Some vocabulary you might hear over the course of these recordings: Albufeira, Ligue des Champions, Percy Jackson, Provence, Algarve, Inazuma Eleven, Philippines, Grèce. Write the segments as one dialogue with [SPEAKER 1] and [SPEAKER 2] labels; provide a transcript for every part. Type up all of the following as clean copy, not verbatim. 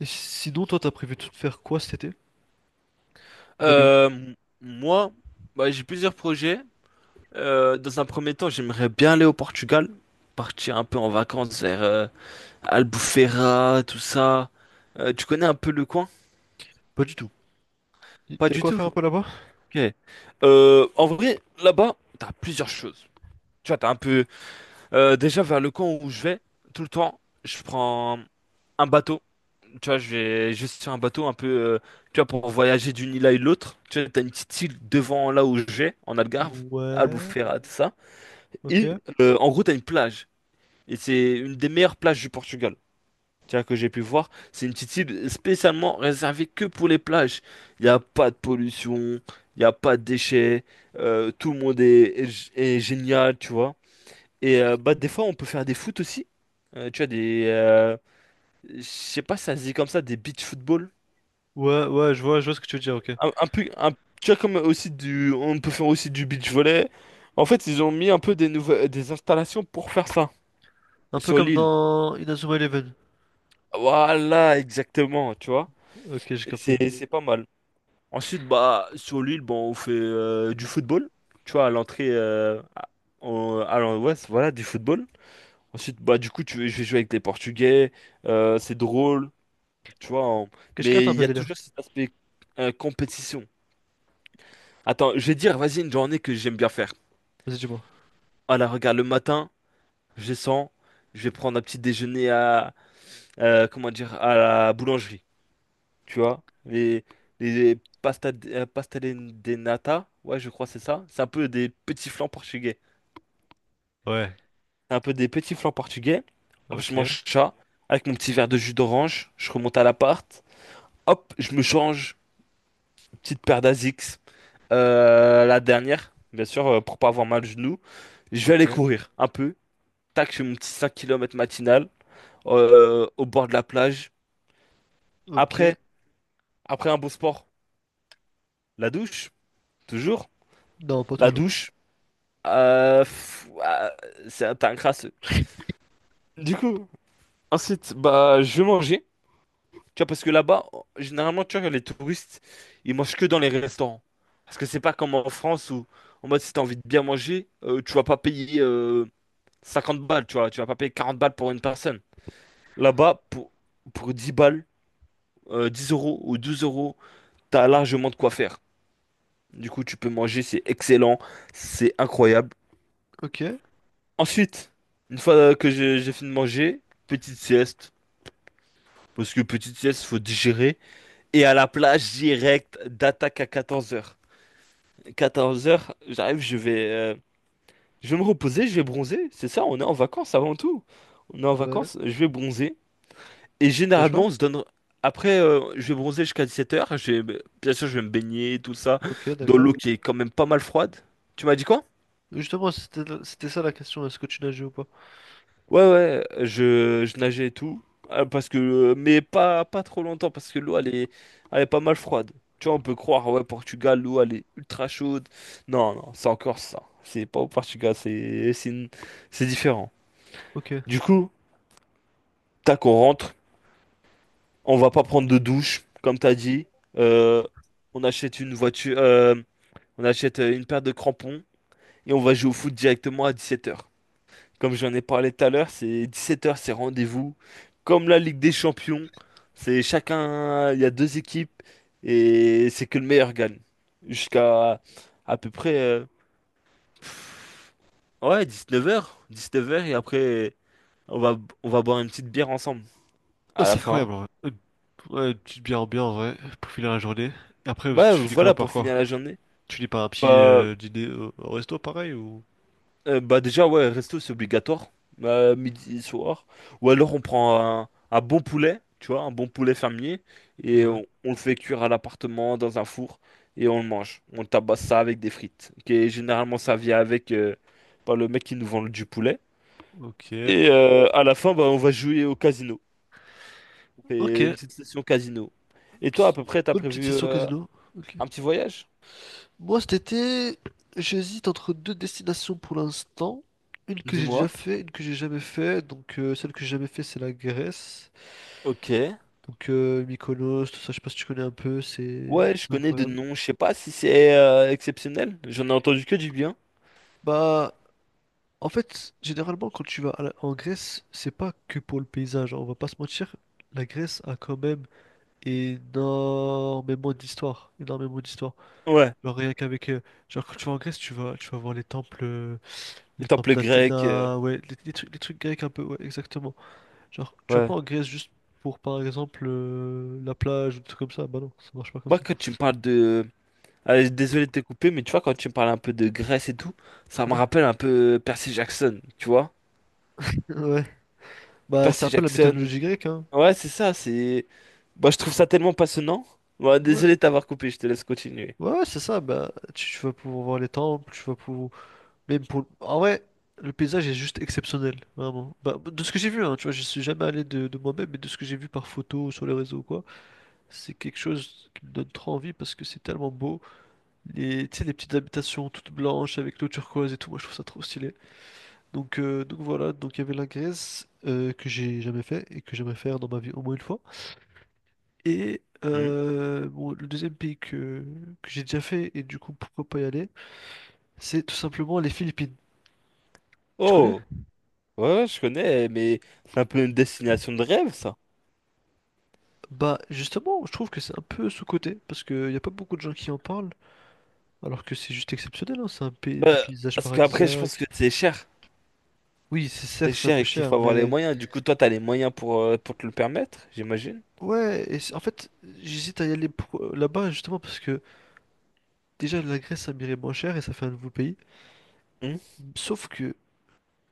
[SPEAKER 1] Et sinon, toi, t'as prévu de faire quoi cet été? D'aller où?
[SPEAKER 2] Euh, m- moi, j'ai plusieurs projets. Dans un premier temps, j'aimerais bien aller au Portugal, partir un peu en vacances vers Albufeira, tout ça. Tu connais un peu le coin?
[SPEAKER 1] Pas du tout.
[SPEAKER 2] Pas
[SPEAKER 1] T'as
[SPEAKER 2] du
[SPEAKER 1] quoi à
[SPEAKER 2] tout.
[SPEAKER 1] faire un peu là-bas?
[SPEAKER 2] Ok. En vrai, là-bas, t'as plusieurs choses. Tu vois, t'as un peu. Déjà vers le coin où je vais, tout le temps, je prends un bateau. Tu vois, je vais juste sur un bateau un peu, tu vois, pour voyager d'une île à une autre. Tu vois, t'as une petite île devant là où je vais, en Algarve,
[SPEAKER 1] Ouais,
[SPEAKER 2] Albufeira, tout ça. Et
[SPEAKER 1] ok.
[SPEAKER 2] euh, en gros, t'as une plage. Et c'est une des meilleures plages du Portugal. Tu vois, que j'ai pu voir. C'est une petite île spécialement réservée que pour les plages. Il n'y a pas de pollution, il n'y a pas de déchets. Tout le monde est génial, tu vois. Et des fois, on peut faire des foot aussi. Tu vois, des. Je sais pas, ça se dit comme ça, des beach football.
[SPEAKER 1] Ouais, ouais, je vois ce que tu veux dire, ok.
[SPEAKER 2] un, un peu un- Tu vois comme aussi du on peut faire aussi du beach volley. En fait ils ont mis un peu des installations pour faire ça
[SPEAKER 1] Un peu
[SPEAKER 2] sur
[SPEAKER 1] comme
[SPEAKER 2] l'île.
[SPEAKER 1] dans Inazuma Eleven.
[SPEAKER 2] Voilà, exactement, tu vois,
[SPEAKER 1] Ok, j'ai capté.
[SPEAKER 2] c'est pas mal. Ensuite, bah sur l'île, bon, on fait du football. Tu vois à l'entrée à, en- à l'en- ouais, voilà, du football. Ensuite bah du coup tu je vais jouer avec les Portugais. C'est drôle, tu vois on-
[SPEAKER 1] Ok, je capte
[SPEAKER 2] mais
[SPEAKER 1] un
[SPEAKER 2] il
[SPEAKER 1] peu
[SPEAKER 2] y
[SPEAKER 1] le
[SPEAKER 2] a
[SPEAKER 1] délire.
[SPEAKER 2] toujours cet aspect compétition. Attends, je vais dire, vas-y, une journée que j'aime bien faire.
[SPEAKER 1] Vas-y, dis-moi.
[SPEAKER 2] Voilà, regarde, le matin je descends, je vais prendre un petit déjeuner à, comment dire, à la boulangerie, tu vois. Les pasta, pasta de nata, ouais, je crois que c'est ça. C'est un peu des petits flancs portugais.
[SPEAKER 1] Ouais,
[SPEAKER 2] C'est un peu des petits flancs portugais. Hop,
[SPEAKER 1] ok,
[SPEAKER 2] je mange ça avec mon petit verre de jus d'orange, je remonte à l'appart. Hop, je me change, petite paire d'Asics. La dernière, bien sûr, pour pas avoir mal au genou. Je vais aller
[SPEAKER 1] ok.
[SPEAKER 2] courir un peu. Tac, je fais mon petit 5 kilomètres matinal au bord de la plage.
[SPEAKER 1] Ok.
[SPEAKER 2] Après, Après un beau sport, la douche, toujours.
[SPEAKER 1] Non, pas
[SPEAKER 2] La
[SPEAKER 1] toujours.
[SPEAKER 2] douche, euh, pff, ah, c'est un t'as un crasseux. Du coup, ensuite, bah, je vais manger. Tu vois, parce que là-bas, généralement, tu vois, les touristes, ils mangent que dans les restaurants. Parce que c'est pas comme en France où, en mode, si t'as envie de bien manger, tu vas pas payer 50 balles, tu vois. Tu vas pas payer 40 balles pour une personne. Là-bas, pour 10 balles, 10 euros ou 12 euros, t'as largement de quoi faire. Du coup, tu peux manger, c'est excellent, c'est incroyable.
[SPEAKER 1] Ok.
[SPEAKER 2] Ensuite, une fois que j'ai fini de manger, petite sieste. Parce que petite sieste, faut digérer. Et à la plage, direct, d'attaque à 14 heures. 14 heures j'arrive, je vais me reposer, je vais bronzer. C'est ça, on est en vacances avant tout. On est en
[SPEAKER 1] Ouais.
[SPEAKER 2] vacances, je vais bronzer. Et
[SPEAKER 1] Tu nages pas?
[SPEAKER 2] généralement, on se donne... Après, je vais bronzer jusqu'à 17 heures. Je vais... Bien sûr, je vais me baigner, tout ça,
[SPEAKER 1] Ok,
[SPEAKER 2] dans
[SPEAKER 1] d'accord.
[SPEAKER 2] l'eau qui est quand même pas mal froide. Tu m'as dit quoi?
[SPEAKER 1] Justement, c'était c'était ça la question, est-ce que tu nages ou pas?
[SPEAKER 2] Ouais, ouais, je nageais et tout. Parce que, mais pas trop longtemps, parce que l'eau, elle est pas mal froide. Tu vois, on peut croire, ouais, Portugal, l'eau, elle est ultra chaude. Non, non, c'est encore ça. C'est pas au Portugal, c'est différent.
[SPEAKER 1] Ok.
[SPEAKER 2] Du coup, tac, on rentre. On va pas prendre de douche, comme t'as dit. euh, on achète une voiture, on achète une paire de crampons et on va jouer au foot directement à 17h. Comme j'en ai parlé tout à l'heure, c'est 17 heures, c'est rendez-vous. Comme la Ligue des Champions, c'est chacun, il y a 2 équipes et c'est que le meilleur gagne. Jusqu'à à peu près ouais, 19h, 19 heures, et après on va on va boire une petite bière ensemble
[SPEAKER 1] Ah,
[SPEAKER 2] à la
[SPEAKER 1] c'est
[SPEAKER 2] fin.
[SPEAKER 1] incroyable, en vrai. Une, ouais, une petite bière ambiante, ouais, pour finir la journée. Et après,
[SPEAKER 2] Bah
[SPEAKER 1] tu finis quoi
[SPEAKER 2] voilà,
[SPEAKER 1] par
[SPEAKER 2] pour
[SPEAKER 1] quoi?
[SPEAKER 2] finir la journée.
[SPEAKER 1] Tu lis par un petit
[SPEAKER 2] Bah
[SPEAKER 1] dîner au, au resto, pareil, ou...
[SPEAKER 2] bah déjà, ouais, resto, c'est obligatoire, midi, soir. Ou alors on prend un bon poulet, tu vois, un bon poulet fermier, et
[SPEAKER 1] Ouais.
[SPEAKER 2] on le fait cuire à l'appartement dans un four, et on le mange. On tabasse ça avec des frites, qui est généralement servi avec par le mec qui nous vend du poulet.
[SPEAKER 1] Ok.
[SPEAKER 2] Et à la fin, bah, on va jouer au casino. On
[SPEAKER 1] Ok.
[SPEAKER 2] fait une petite session casino. Et toi, à
[SPEAKER 1] Petite-
[SPEAKER 2] peu près, t'as
[SPEAKER 1] Bonne petite
[SPEAKER 2] prévu
[SPEAKER 1] session casino. Ok.
[SPEAKER 2] un petit voyage?
[SPEAKER 1] Moi, cet été, j'hésite entre deux destinations pour l'instant. Une que j'ai déjà
[SPEAKER 2] Dis-moi.
[SPEAKER 1] fait, une que j'ai jamais fait. Donc, celle que j'ai jamais fait, c'est la Grèce.
[SPEAKER 2] Ok.
[SPEAKER 1] Donc, Mykonos, tout ça, je sais pas si tu connais un peu, c'est
[SPEAKER 2] Ouais, je
[SPEAKER 1] c'est
[SPEAKER 2] connais de
[SPEAKER 1] incroyable.
[SPEAKER 2] nom, je sais pas si c'est exceptionnel. J'en ai entendu que du bien.
[SPEAKER 1] Bah, en fait, généralement, quand tu vas en Grèce, c'est pas que pour le paysage, hein, on va pas se mentir. La Grèce a quand même énormément d'histoires, énormément d'histoires.
[SPEAKER 2] Ouais,
[SPEAKER 1] Genre rien qu'avec, genre quand tu vas en Grèce, tu vas voir
[SPEAKER 2] les
[SPEAKER 1] les temples
[SPEAKER 2] temples grecs,
[SPEAKER 1] d'Athéna, ouais, les trucs grecs un peu, ouais, exactement. Genre tu vas
[SPEAKER 2] ouais.
[SPEAKER 1] pas en Grèce juste pour par exemple la plage ou des trucs comme ça, bah non, ça marche pas comme
[SPEAKER 2] Moi,
[SPEAKER 1] ça.
[SPEAKER 2] quand tu me parles de... Allez, désolé de te couper, mais tu vois, quand tu me parles un peu de Grèce et tout, ça me
[SPEAKER 1] Ouais,
[SPEAKER 2] rappelle un peu Percy Jackson, tu vois?
[SPEAKER 1] ouais. Bah c'est
[SPEAKER 2] Percy
[SPEAKER 1] un peu la
[SPEAKER 2] Jackson,
[SPEAKER 1] mythologie grecque, hein.
[SPEAKER 2] ouais, c'est ça, c'est... Moi, je trouve ça tellement passionnant. Ouais,
[SPEAKER 1] Ouais,
[SPEAKER 2] désolé de t'avoir coupé, je te laisse continuer.
[SPEAKER 1] ouais, c'est ça. Bah tu vas pouvoir voir les temples, tu vas pouvoir. Même pour... En vrai, le paysage est juste exceptionnel, vraiment. Bah, de ce que j'ai vu, hein, tu vois, je suis jamais allé de moi-même, mais de ce que j'ai vu par photo, sur les réseaux ou quoi, c'est quelque chose qui me donne trop envie parce que c'est tellement beau. Les, tu sais, les petites habitations toutes blanches avec l'eau turquoise et tout, moi je trouve ça trop stylé. Donc voilà, donc il y avait la Grèce que j'ai jamais fait et que j'aimerais faire dans ma vie au moins une fois. Et
[SPEAKER 2] Hmm.
[SPEAKER 1] bon, le deuxième pays que j'ai déjà fait et du coup pourquoi pas y aller, c'est tout simplement les Philippines. Tu connais?
[SPEAKER 2] Oh, ouais, ouais, je connais, mais c'est un peu une destination de rêve, ça.
[SPEAKER 1] Bah justement, je trouve que c'est un peu sous-coté, parce qu'il n'y a pas beaucoup de gens qui en parlent, alors que c'est juste exceptionnel, hein, c'est un pays, des
[SPEAKER 2] Bah,
[SPEAKER 1] paysages
[SPEAKER 2] parce qu'après, je pense que
[SPEAKER 1] paradisiaques.
[SPEAKER 2] c'est cher.
[SPEAKER 1] Oui, c'est
[SPEAKER 2] C'est
[SPEAKER 1] certes, c'est un
[SPEAKER 2] cher
[SPEAKER 1] peu
[SPEAKER 2] et qu'il
[SPEAKER 1] cher,
[SPEAKER 2] faut avoir les
[SPEAKER 1] mais...
[SPEAKER 2] moyens. Du coup, toi, t'as les moyens pour te le permettre, j'imagine.
[SPEAKER 1] En fait, j'hésite à y aller là-bas, justement, parce que déjà, la Grèce, ça m'irait moins cher et ça fait un nouveau pays.
[SPEAKER 2] Hmm.
[SPEAKER 1] Sauf que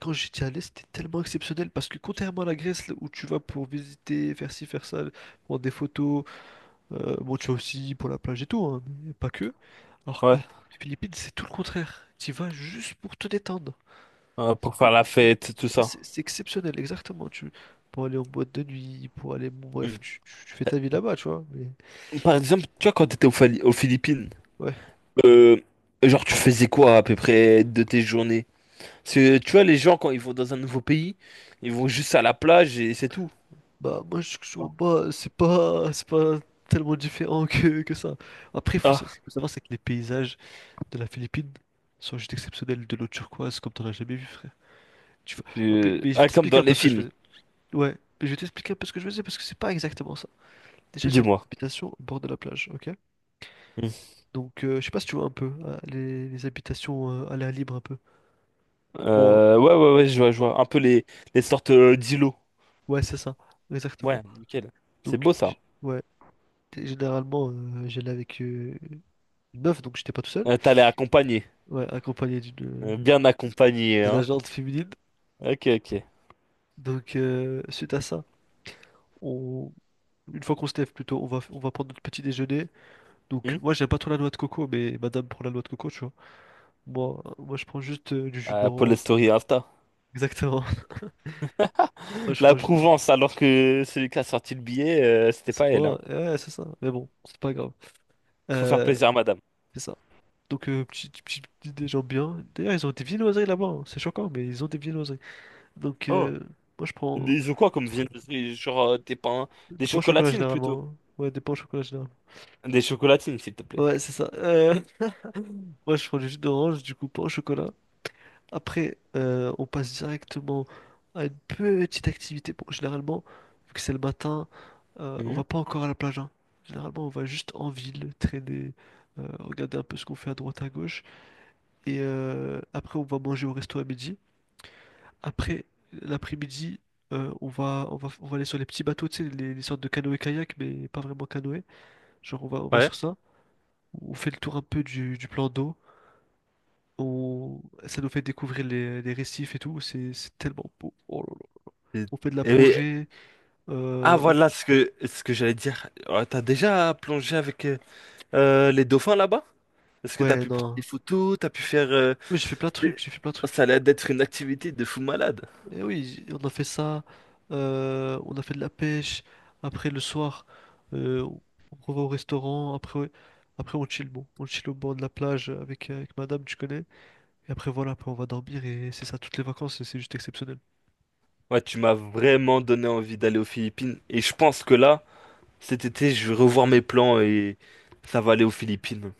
[SPEAKER 1] quand j'étais allé, c'était tellement exceptionnel, parce que contrairement à la Grèce, là, où tu vas pour visiter, faire ci, faire ça, prendre des photos. Bon, tu vas aussi pour la plage et tout, hein, mais pas que. Alors, que les Philippines, c'est tout le contraire. Tu y vas juste pour te détendre.
[SPEAKER 2] Pour faire la fête, tout ça.
[SPEAKER 1] C'est exceptionnel, exactement. Tu, pour aller en boîte de nuit, pour aller, bon, bref,
[SPEAKER 2] Mm.
[SPEAKER 1] tu fais ta vie là-bas, tu vois. Mais
[SPEAKER 2] Par exemple, tu vois, quand t'étais aux Philippines,
[SPEAKER 1] ouais,
[SPEAKER 2] euh, genre, tu faisais quoi à peu près de tes journées? Parce que, tu vois, les gens, quand ils vont dans un nouveau pays, ils vont juste à la plage et c'est tout.
[SPEAKER 1] bah moi je
[SPEAKER 2] Tu
[SPEAKER 1] trouve
[SPEAKER 2] vois.
[SPEAKER 1] pas, c'est pas tellement différent que ça. Après,
[SPEAKER 2] Ah,
[SPEAKER 1] faut savoir c'est que les paysages de la Philippine sont juste exceptionnels, de l'eau turquoise comme t'en as jamais vu, frère. Ah, mais je vais
[SPEAKER 2] Comme
[SPEAKER 1] t'expliquer
[SPEAKER 2] dans
[SPEAKER 1] un peu
[SPEAKER 2] les
[SPEAKER 1] ce que je
[SPEAKER 2] films,
[SPEAKER 1] faisais. Ouais, mais je vais t'expliquer un peu ce que je faisais parce que c'est pas exactement ça. Déjà, j'avais une
[SPEAKER 2] dis-moi.
[SPEAKER 1] habitation au bord de la plage, ok?
[SPEAKER 2] Mm.
[SPEAKER 1] Donc, je sais pas si tu vois un peu les habitations à l'air libre un peu. Bon, euh,
[SPEAKER 2] Ouais, ouais, ouais, je vois, je
[SPEAKER 1] bon,
[SPEAKER 2] vois. Un peu les sortes d'îlots.
[SPEAKER 1] ouais, c'est ça, exactement.
[SPEAKER 2] Ouais, nickel. C'est beau ça.
[SPEAKER 1] Ouais, généralement, j'allais avec une meuf, donc j'étais pas tout seul.
[SPEAKER 2] T'allais accompagner.
[SPEAKER 1] Ouais, accompagné d'une.
[SPEAKER 2] Bien accompagné,
[SPEAKER 1] De
[SPEAKER 2] hein.
[SPEAKER 1] l'agente féminine.
[SPEAKER 2] Ok, ok.
[SPEAKER 1] Donc, suite à ça, on, une fois qu'on se lève plutôt, on va prendre notre petit déjeuner. Donc,
[SPEAKER 2] Hmm.
[SPEAKER 1] moi, j'aime pas trop la noix de coco, mais madame prend la noix de coco, tu vois. Moi, je prends juste du jus
[SPEAKER 2] Pour les
[SPEAKER 1] d'orange.
[SPEAKER 2] stories Insta.
[SPEAKER 1] Exactement. Moi, je
[SPEAKER 2] La
[SPEAKER 1] prends juste.
[SPEAKER 2] Prouvence, alors que celui qui a sorti le billet, c'était
[SPEAKER 1] C'est
[SPEAKER 2] pas elle, hein.
[SPEAKER 1] moi, ouais, c'est ça. Mais bon, c'est pas grave.
[SPEAKER 2] Faut faire
[SPEAKER 1] Euh,
[SPEAKER 2] plaisir à madame.
[SPEAKER 1] c'est ça. Donc, des gens bien. D'ailleurs, ils ont des viennoiseries là-bas, hein. C'est choquant, mais ils ont des viennoiseries. Donc,
[SPEAKER 2] Oh.
[SPEAKER 1] moi, je prends
[SPEAKER 2] Des ou quoi comme viennoiserie, genre des pains, des
[SPEAKER 1] des pains au chocolat
[SPEAKER 2] chocolatines
[SPEAKER 1] généralement,
[SPEAKER 2] plutôt.
[SPEAKER 1] hein. Ouais, des pains au chocolat généralement.
[SPEAKER 2] Des chocolatines, s'il te plaît.
[SPEAKER 1] Ouais, c'est ça. Moi, je prends du jus d'orange, du coup, pain au chocolat. Après, on passe directement à une petite activité. Bon, généralement, vu que c'est le matin, on
[SPEAKER 2] Mhm.
[SPEAKER 1] va pas encore à la plage, hein. Généralement, on va juste en ville, traîner, regarder un peu ce qu'on fait à droite à gauche. Et après, on va manger au resto à midi. Après, l'après-midi, on va aller sur les petits bateaux, tu sais, les sortes de canoë-kayak, mais pas vraiment canoë. Genre, on va
[SPEAKER 2] Ouais.
[SPEAKER 1] sur ça. On fait le tour un peu du plan d'eau. On... Ça nous fait découvrir les récifs et tout. C'est tellement beau. Oh là là.
[SPEAKER 2] Et-
[SPEAKER 1] On fait de la
[SPEAKER 2] et-
[SPEAKER 1] plongée.
[SPEAKER 2] ah
[SPEAKER 1] euh, on-
[SPEAKER 2] voilà ce que j'allais dire. T'as déjà plongé avec les dauphins là-bas? Est-ce que t'as
[SPEAKER 1] Ouais,
[SPEAKER 2] pu prendre
[SPEAKER 1] non.
[SPEAKER 2] des photos, t'as pu faire
[SPEAKER 1] Oui, j'ai fait plein de trucs.
[SPEAKER 2] des-
[SPEAKER 1] J'ai fait plein de
[SPEAKER 2] oh, ça
[SPEAKER 1] trucs.
[SPEAKER 2] allait d'être une activité de fou malade.
[SPEAKER 1] Et oui, on a fait ça, on a fait de la pêche, après le soir, euh, on on va au restaurant, après, après on chill, bon, on chill au bord de la plage avec, avec madame, tu connais, et après voilà, après on va dormir et c'est ça toutes les vacances et c'est juste exceptionnel.
[SPEAKER 2] Ouais, tu m'as vraiment donné envie d'aller aux Philippines et je pense que là. Cet été, je vais revoir mes plans et ça va aller aux Philippines.